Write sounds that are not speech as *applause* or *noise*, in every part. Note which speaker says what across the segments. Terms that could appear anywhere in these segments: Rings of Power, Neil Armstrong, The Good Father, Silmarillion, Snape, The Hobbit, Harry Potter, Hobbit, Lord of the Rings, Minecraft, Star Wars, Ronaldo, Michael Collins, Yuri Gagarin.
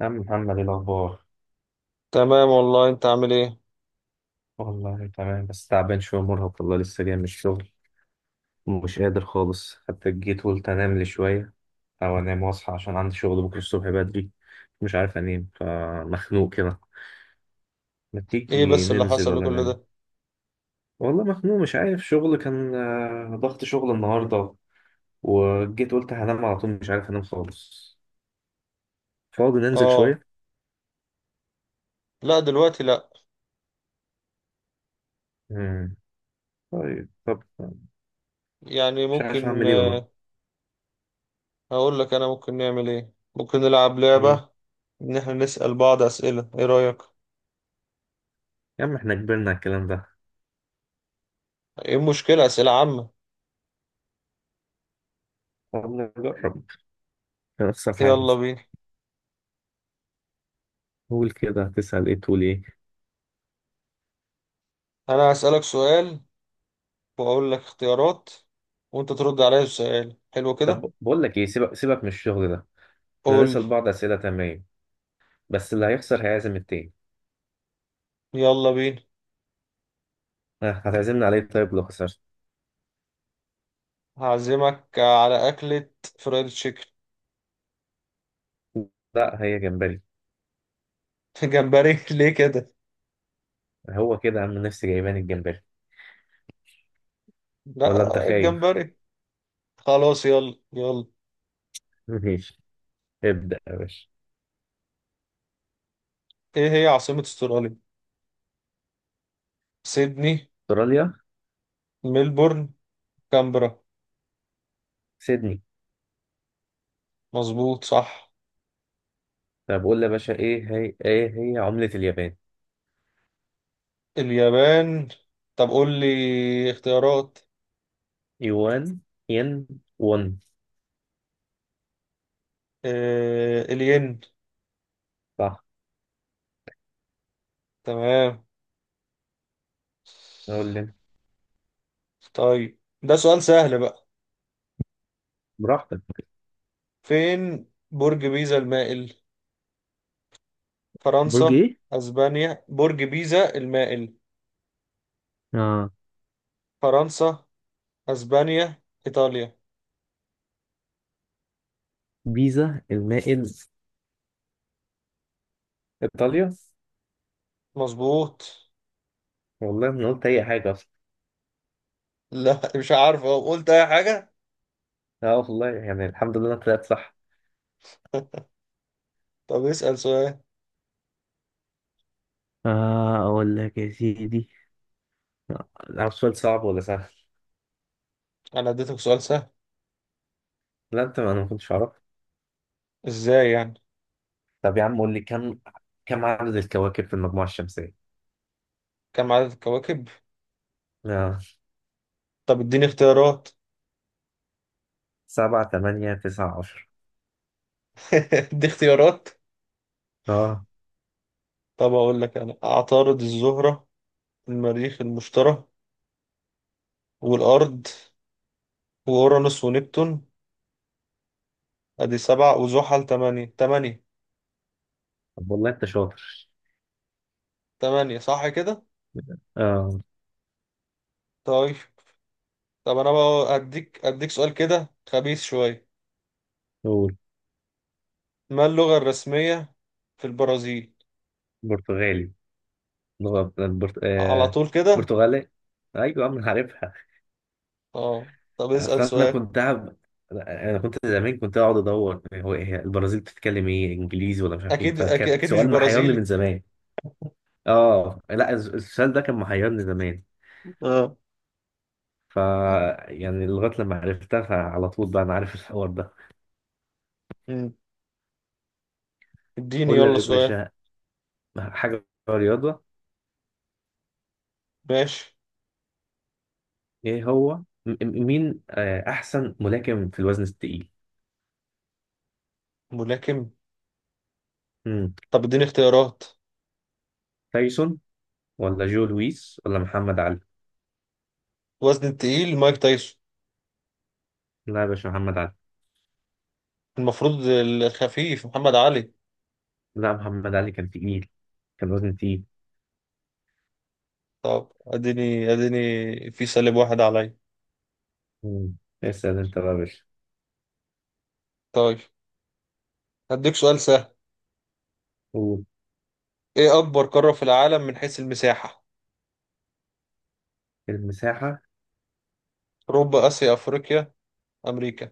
Speaker 1: يا عم محمد، إيه الأخبار؟
Speaker 2: تمام والله، انت عامل ايه؟
Speaker 1: والله تمام، بس تعبان شوية مرهق. والله لسه جاي من الشغل ومش قادر خالص. حتى جيت قلت أنام لي شوية، أو أنام وأصحى عشان عندي شغل بكرة الصبح بدري. مش عارف أنام فمخنوق كده. ما
Speaker 2: ايه
Speaker 1: تيجي
Speaker 2: بس اللي
Speaker 1: ننزل
Speaker 2: حصل
Speaker 1: ولا
Speaker 2: لكل
Speaker 1: نعمل؟
Speaker 2: ده؟
Speaker 1: والله مخنوق مش عارف، شغل كان ضغط شغل النهاردة. وجيت قلت هنام على طول، مش عارف أنام خالص. فاضي ننزل
Speaker 2: اه،
Speaker 1: شوية؟
Speaker 2: لا دلوقتي لا.
Speaker 1: مم. طيب طب
Speaker 2: يعني
Speaker 1: مش عارف
Speaker 2: ممكن
Speaker 1: أعمل إيه والله.
Speaker 2: هقول لك انا ممكن نعمل ايه. ممكن نلعب
Speaker 1: مم.
Speaker 2: لعبة، ان احنا نسأل بعض اسئلة. ايه رأيك؟
Speaker 1: يا عم إحنا كبرنا على الكلام ده.
Speaker 2: ايه المشكلة؟ اسئلة عامة.
Speaker 1: طب نجرب، نفس الحاجة.
Speaker 2: يلا بينا.
Speaker 1: قول كده، هتسأل ايه تقول ايه؟
Speaker 2: انا هسألك سؤال، واقول لك اختيارات، وانت ترد عليا السؤال. حلو كده.
Speaker 1: طب بقول لك ايه، سيبك سيبك من الشغل ده. احنا
Speaker 2: قول.
Speaker 1: هنسأل بعض أسئلة، تمام، بس اللي هيخسر هيعزم التاني.
Speaker 2: يلا بينا.
Speaker 1: ها، هتعزمني عليه طيب لو خسرت؟
Speaker 2: هعزمك على اكلة فرايد تشيكن.
Speaker 1: لا هي جمبري.
Speaker 2: *laughs* جمبري ليه كده؟
Speaker 1: هو كده يا عم، نفسي جايباني الجمبري. ولا انت
Speaker 2: لا
Speaker 1: خايف؟
Speaker 2: الجمبري. خلاص، يلا يلا.
Speaker 1: *laughs* ماشي. ابدأ يا باشا.
Speaker 2: ايه هي عاصمة استراليا؟ سيدني،
Speaker 1: استراليا؟
Speaker 2: ملبورن، كامبرا.
Speaker 1: سيدني.
Speaker 2: مظبوط، صح.
Speaker 1: طب قول لي يا باشا، ايه هي عملة اليابان؟
Speaker 2: اليابان. طب قول لي اختيارات.
Speaker 1: يوان، ين، ون.
Speaker 2: آه، الين.
Speaker 1: صح.
Speaker 2: تمام.
Speaker 1: قول لي.
Speaker 2: طيب ده سؤال سهل بقى.
Speaker 1: براحتك.
Speaker 2: فين برج بيزا المائل؟
Speaker 1: برج
Speaker 2: فرنسا،
Speaker 1: ايه؟
Speaker 2: اسبانيا. برج بيزا المائل؟
Speaker 1: اه.
Speaker 2: فرنسا، اسبانيا، ايطاليا.
Speaker 1: بيزا المائل. ايطاليا.
Speaker 2: مظبوط. *laughs*
Speaker 1: والله ما قلت اي حاجه اصلا.
Speaker 2: لا مش عارف أهو، قلت اي حاجة.
Speaker 1: اه والله يعني الحمد لله انا طلعت صح.
Speaker 2: طب اسأل سؤال.
Speaker 1: أقول لك يا سيدي، عارف سؤال صعب ولا سهل؟
Speaker 2: انا اديتك سؤال سهل.
Speaker 1: لا، انا ما كنتش اعرف.
Speaker 2: ازاي يعني؟
Speaker 1: طب يا عم قول لي كم عدد الكواكب في المجموعه الشمسيه؟
Speaker 2: كم عدد الكواكب؟
Speaker 1: اه.
Speaker 2: طب اديني اختيارات.
Speaker 1: سبعة، تمانية، تسعة، عشر.
Speaker 2: *laughs* ادي اختيارات.
Speaker 1: اه.
Speaker 2: طب اقول لك انا: عطارد، الزهرة، المريخ، المشتري، والارض، واورانوس، ونبتون. ادي سبعة، وزحل تمانية. تمانية.
Speaker 1: طب والله انت شاطر.
Speaker 2: تمانية صح كده؟
Speaker 1: اه.
Speaker 2: طيب. طب انا بقى اديك سؤال كده خبيث شوية.
Speaker 1: قول.
Speaker 2: ما اللغة الرسمية في البرازيل؟
Speaker 1: برتغالي. لغة برت...
Speaker 2: على
Speaker 1: آه.
Speaker 2: طول كده؟
Speaker 1: برتغالي. ايوه يا عم عارف.
Speaker 2: اه. طب
Speaker 1: اصل
Speaker 2: اسأل سؤال.
Speaker 1: انا كنت زمان كنت اقعد ادور هو إيه البرازيل بتتكلم ايه، انجليزي ولا مش عارف ايه،
Speaker 2: اكيد،
Speaker 1: فكان
Speaker 2: أكيد مش
Speaker 1: سؤال محيرني من
Speaker 2: برازيلي.
Speaker 1: زمان. اه لا، السؤال ده كان محيرني زمان.
Speaker 2: اه.
Speaker 1: ف يعني لغايه لما عرفتها فعلى طول بقى انا عارف *laughs* الحوار ده.
Speaker 2: مم. اديني
Speaker 1: قول لي
Speaker 2: يلا
Speaker 1: يا
Speaker 2: سؤال.
Speaker 1: باشا، حاجه رياضه.
Speaker 2: ماشي.
Speaker 1: ايه هو م- مين احسن ملاكم في الوزن الثقيل؟
Speaker 2: ملاكم.
Speaker 1: مم.
Speaker 2: طب اديني اختيارات.
Speaker 1: تايسون، ولا جو لويس، ولا محمد علي.
Speaker 2: وزن التقيل، مايك تايسون.
Speaker 1: لا يا باشا، محمد علي.
Speaker 2: المفروض الخفيف محمد علي.
Speaker 1: لا محمد علي كان تقيل، كان وزن تقيل.
Speaker 2: طب اديني في سالب واحد عليا.
Speaker 1: مم. اسأل انت بقى يا باشا.
Speaker 2: طيب هديك سؤال سهل.
Speaker 1: قول.
Speaker 2: ايه اكبر قارة في العالم من حيث المساحة؟
Speaker 1: المساحة.
Speaker 2: اوروبا، اسيا، افريقيا، امريكا.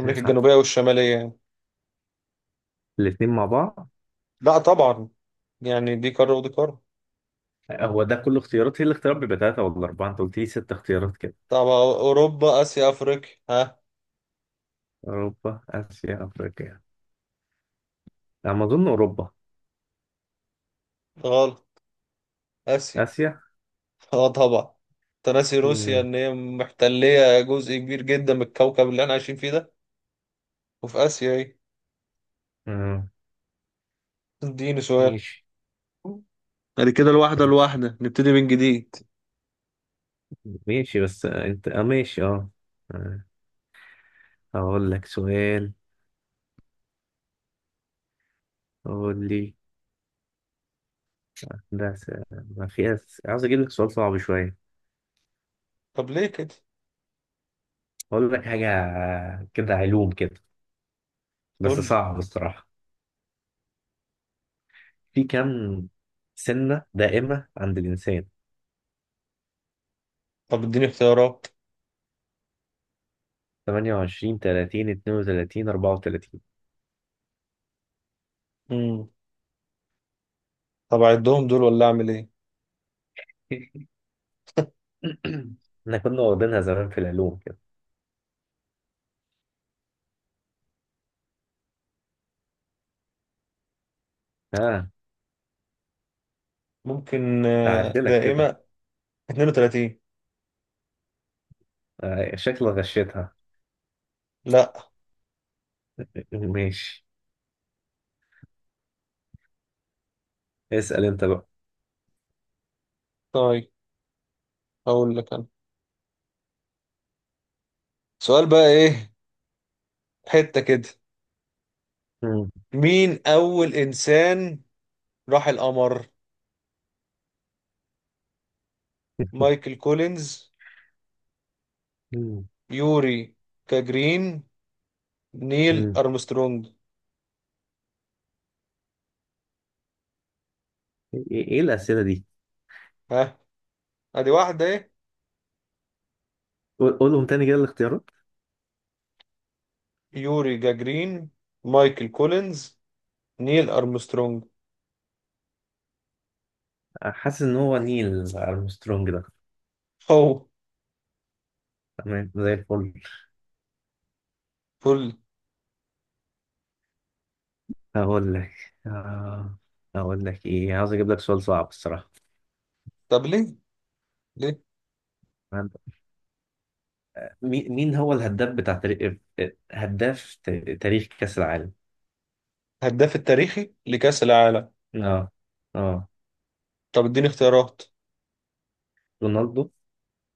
Speaker 2: امريكا الجنوبية والشمالية يعني؟
Speaker 1: الاتنين مع بعض؟
Speaker 2: لا طبعا، يعني دي قارة ودي قارة.
Speaker 1: هو ده كل اختيارات؟ هي الاختيارات بيبقى تلاتة ولا أربعة، أنت قلت لي ست اختيارات كده.
Speaker 2: طب اوروبا، اسيا، افريقيا. ها؟
Speaker 1: أوروبا آسيا أفريقيا. على ما أظن أوروبا.
Speaker 2: غلط. اسيا.
Speaker 1: آسيا.
Speaker 2: *laughs* اه طبعا. تناسي روسيا
Speaker 1: مم.
Speaker 2: ان هي محتلية جزء كبير جدا من الكوكب اللي احنا عايشين فيه ده. وفي اسيا ايه.
Speaker 1: مم.
Speaker 2: اديني سؤال.
Speaker 1: ماشي
Speaker 2: بعد كده الواحدة نبتدي من جديد.
Speaker 1: ماشي بس أنت ماشي أه آه. هقول لك سؤال. قول لي. ده س- ما في أس- عاوز أجيب لك سؤال صعب شوية.
Speaker 2: طب ليه كده؟
Speaker 1: أقول لك حاجة، كده علوم كده، بس
Speaker 2: قول لي.
Speaker 1: صعب الصراحة. في كم سنة دائمة عند الإنسان؟
Speaker 2: طب اديني اختيارات.
Speaker 1: 28، 30، 32، 34.
Speaker 2: امم. طب اعدهم دول ولا اعمل ايه؟
Speaker 1: *clears throat* احنا كنا واخدينها زمان في العلوم كده. ها،
Speaker 2: ممكن
Speaker 1: هعدلك كده.
Speaker 2: دائمة. 32.
Speaker 1: شكلك غشيتها.
Speaker 2: لا.
Speaker 1: ماشي. اسأل انت بقى.
Speaker 2: طيب اقول لك انا سؤال بقى ايه؟ حتة كده.
Speaker 1: مم.
Speaker 2: مين اول انسان راح القمر؟ مايكل كولينز،
Speaker 1: مم.
Speaker 2: يوري جاجرين، نيل
Speaker 1: مم.
Speaker 2: ارمسترونج.
Speaker 1: ايه إيه إيه الأسئلة دي؟
Speaker 2: ها؟ ادي واحدة ايه؟
Speaker 1: قولهم تاني كده الاختيارات.
Speaker 2: يوري جاجرين، مايكل كولينز، نيل ارمسترونج.
Speaker 1: حاسس ان هو نيل ارمسترونج ده.
Speaker 2: هو.
Speaker 1: تمام زي الفل.
Speaker 2: فل.
Speaker 1: هقول لك. آه، هقول لك ايه، عاوز اجيب لك سؤال صعب الصراحة.
Speaker 2: طب ليه؟ ليه؟
Speaker 1: مين هو الهداف بتاع تاريخ، هداف تاريخ كأس العالم؟
Speaker 2: هداف التاريخي لكأس العالم؟
Speaker 1: اه. اه.
Speaker 2: طب اديني اختيارات.
Speaker 1: رونالدو،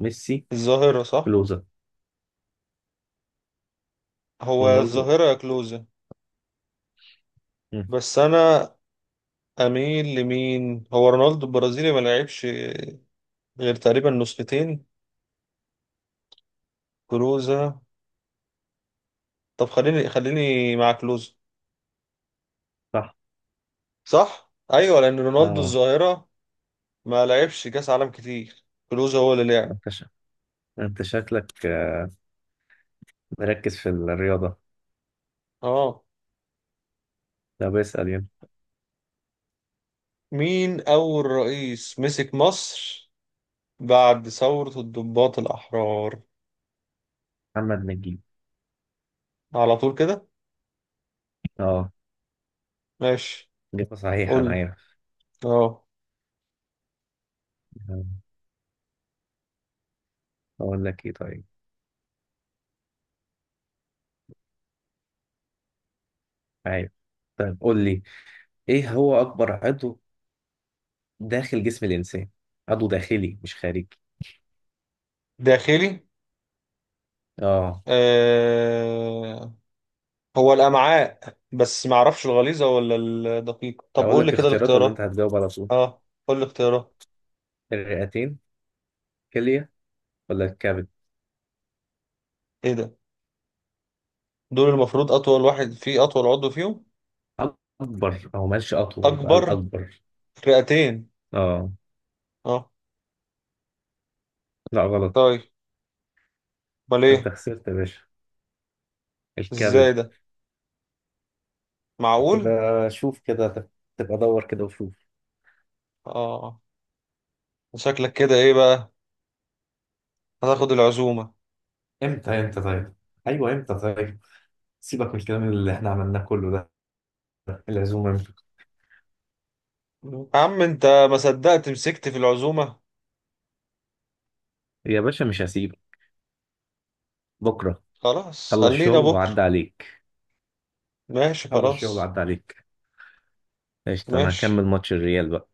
Speaker 1: ميسي،
Speaker 2: الظاهرة، صح.
Speaker 1: كلوزا،
Speaker 2: هو
Speaker 1: رونالدو.
Speaker 2: الظاهرة يا كلوزة.
Speaker 1: مم.
Speaker 2: بس انا اميل لمين، هو رونالدو البرازيلي ما لعبش غير تقريبا نسختين. كلوزة. طب خليني مع كلوزة.
Speaker 1: صح.
Speaker 2: صح، ايوه، لان رونالدو
Speaker 1: اه.
Speaker 2: الظاهرة ما لعبش كأس عالم كتير. كلوزة هو اللي لعب.
Speaker 1: انت شا- انت شكلك مركز في الرياضة.
Speaker 2: اه.
Speaker 1: طب اسأل يلا.
Speaker 2: مين اول رئيس مسك مصر بعد ثورة الضباط الأحرار؟
Speaker 1: محمد نجيب.
Speaker 2: على طول كده؟
Speaker 1: اه.
Speaker 2: ماشي.
Speaker 1: إجابة صحيحة
Speaker 2: قول
Speaker 1: أنا
Speaker 2: لي.
Speaker 1: عارف.
Speaker 2: اه.
Speaker 1: آه، أقول لك إيه طيب. عارف. طيب قول لي، إيه هو أكبر عضو داخل جسم الإنسان؟ عضو داخلي مش خارجي.
Speaker 2: داخلي.
Speaker 1: اه.
Speaker 2: آه، هو الامعاء، بس ما اعرفش الغليظه ولا الدقيقه. طب
Speaker 1: أقول
Speaker 2: قول لي
Speaker 1: لك
Speaker 2: كده
Speaker 1: اختيارات ولا أنت
Speaker 2: الاختيارات.
Speaker 1: هتجاوب على طول؟
Speaker 2: اه قول لي الاختيارات.
Speaker 1: الرئتين، كلية، ولا الكبد.
Speaker 2: ايه ده؟ دول المفروض اطول واحد فيه، اطول عضو فيهم.
Speaker 1: اكبر او ماشي اطول بقى،
Speaker 2: اكبر.
Speaker 1: الاكبر.
Speaker 2: رئتين.
Speaker 1: اه.
Speaker 2: اه.
Speaker 1: لا غلط.
Speaker 2: طيب، امال
Speaker 1: انت
Speaker 2: ايه؟
Speaker 1: خسرت يا باشا.
Speaker 2: ازاي
Speaker 1: الكبد.
Speaker 2: ده؟ معقول؟
Speaker 1: تبقى شوف كده، تبقى دور كده وشوف.
Speaker 2: اه. شكلك كده ايه بقى، هتاخد العزومه.
Speaker 1: امتى؟ امتى طيب؟ ايوه امتى طيب؟ سيبك من الكلام اللي احنا عملناه كله ده. العزومه امتى؟
Speaker 2: يا عم انت، ما صدقت مسكت في العزومه.
Speaker 1: يا باشا مش هسيبك. بكره.
Speaker 2: خلاص،
Speaker 1: خلص
Speaker 2: خلينا
Speaker 1: شغل
Speaker 2: بكره.
Speaker 1: وعدى عليك.
Speaker 2: ماشي
Speaker 1: خلص شغل
Speaker 2: خلاص.
Speaker 1: وعدى عليك. قشطة، انا هكمل
Speaker 2: ماشي،
Speaker 1: ماتش الريال بقى.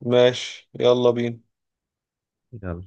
Speaker 2: ماشي، يلا بينا.
Speaker 1: يلا.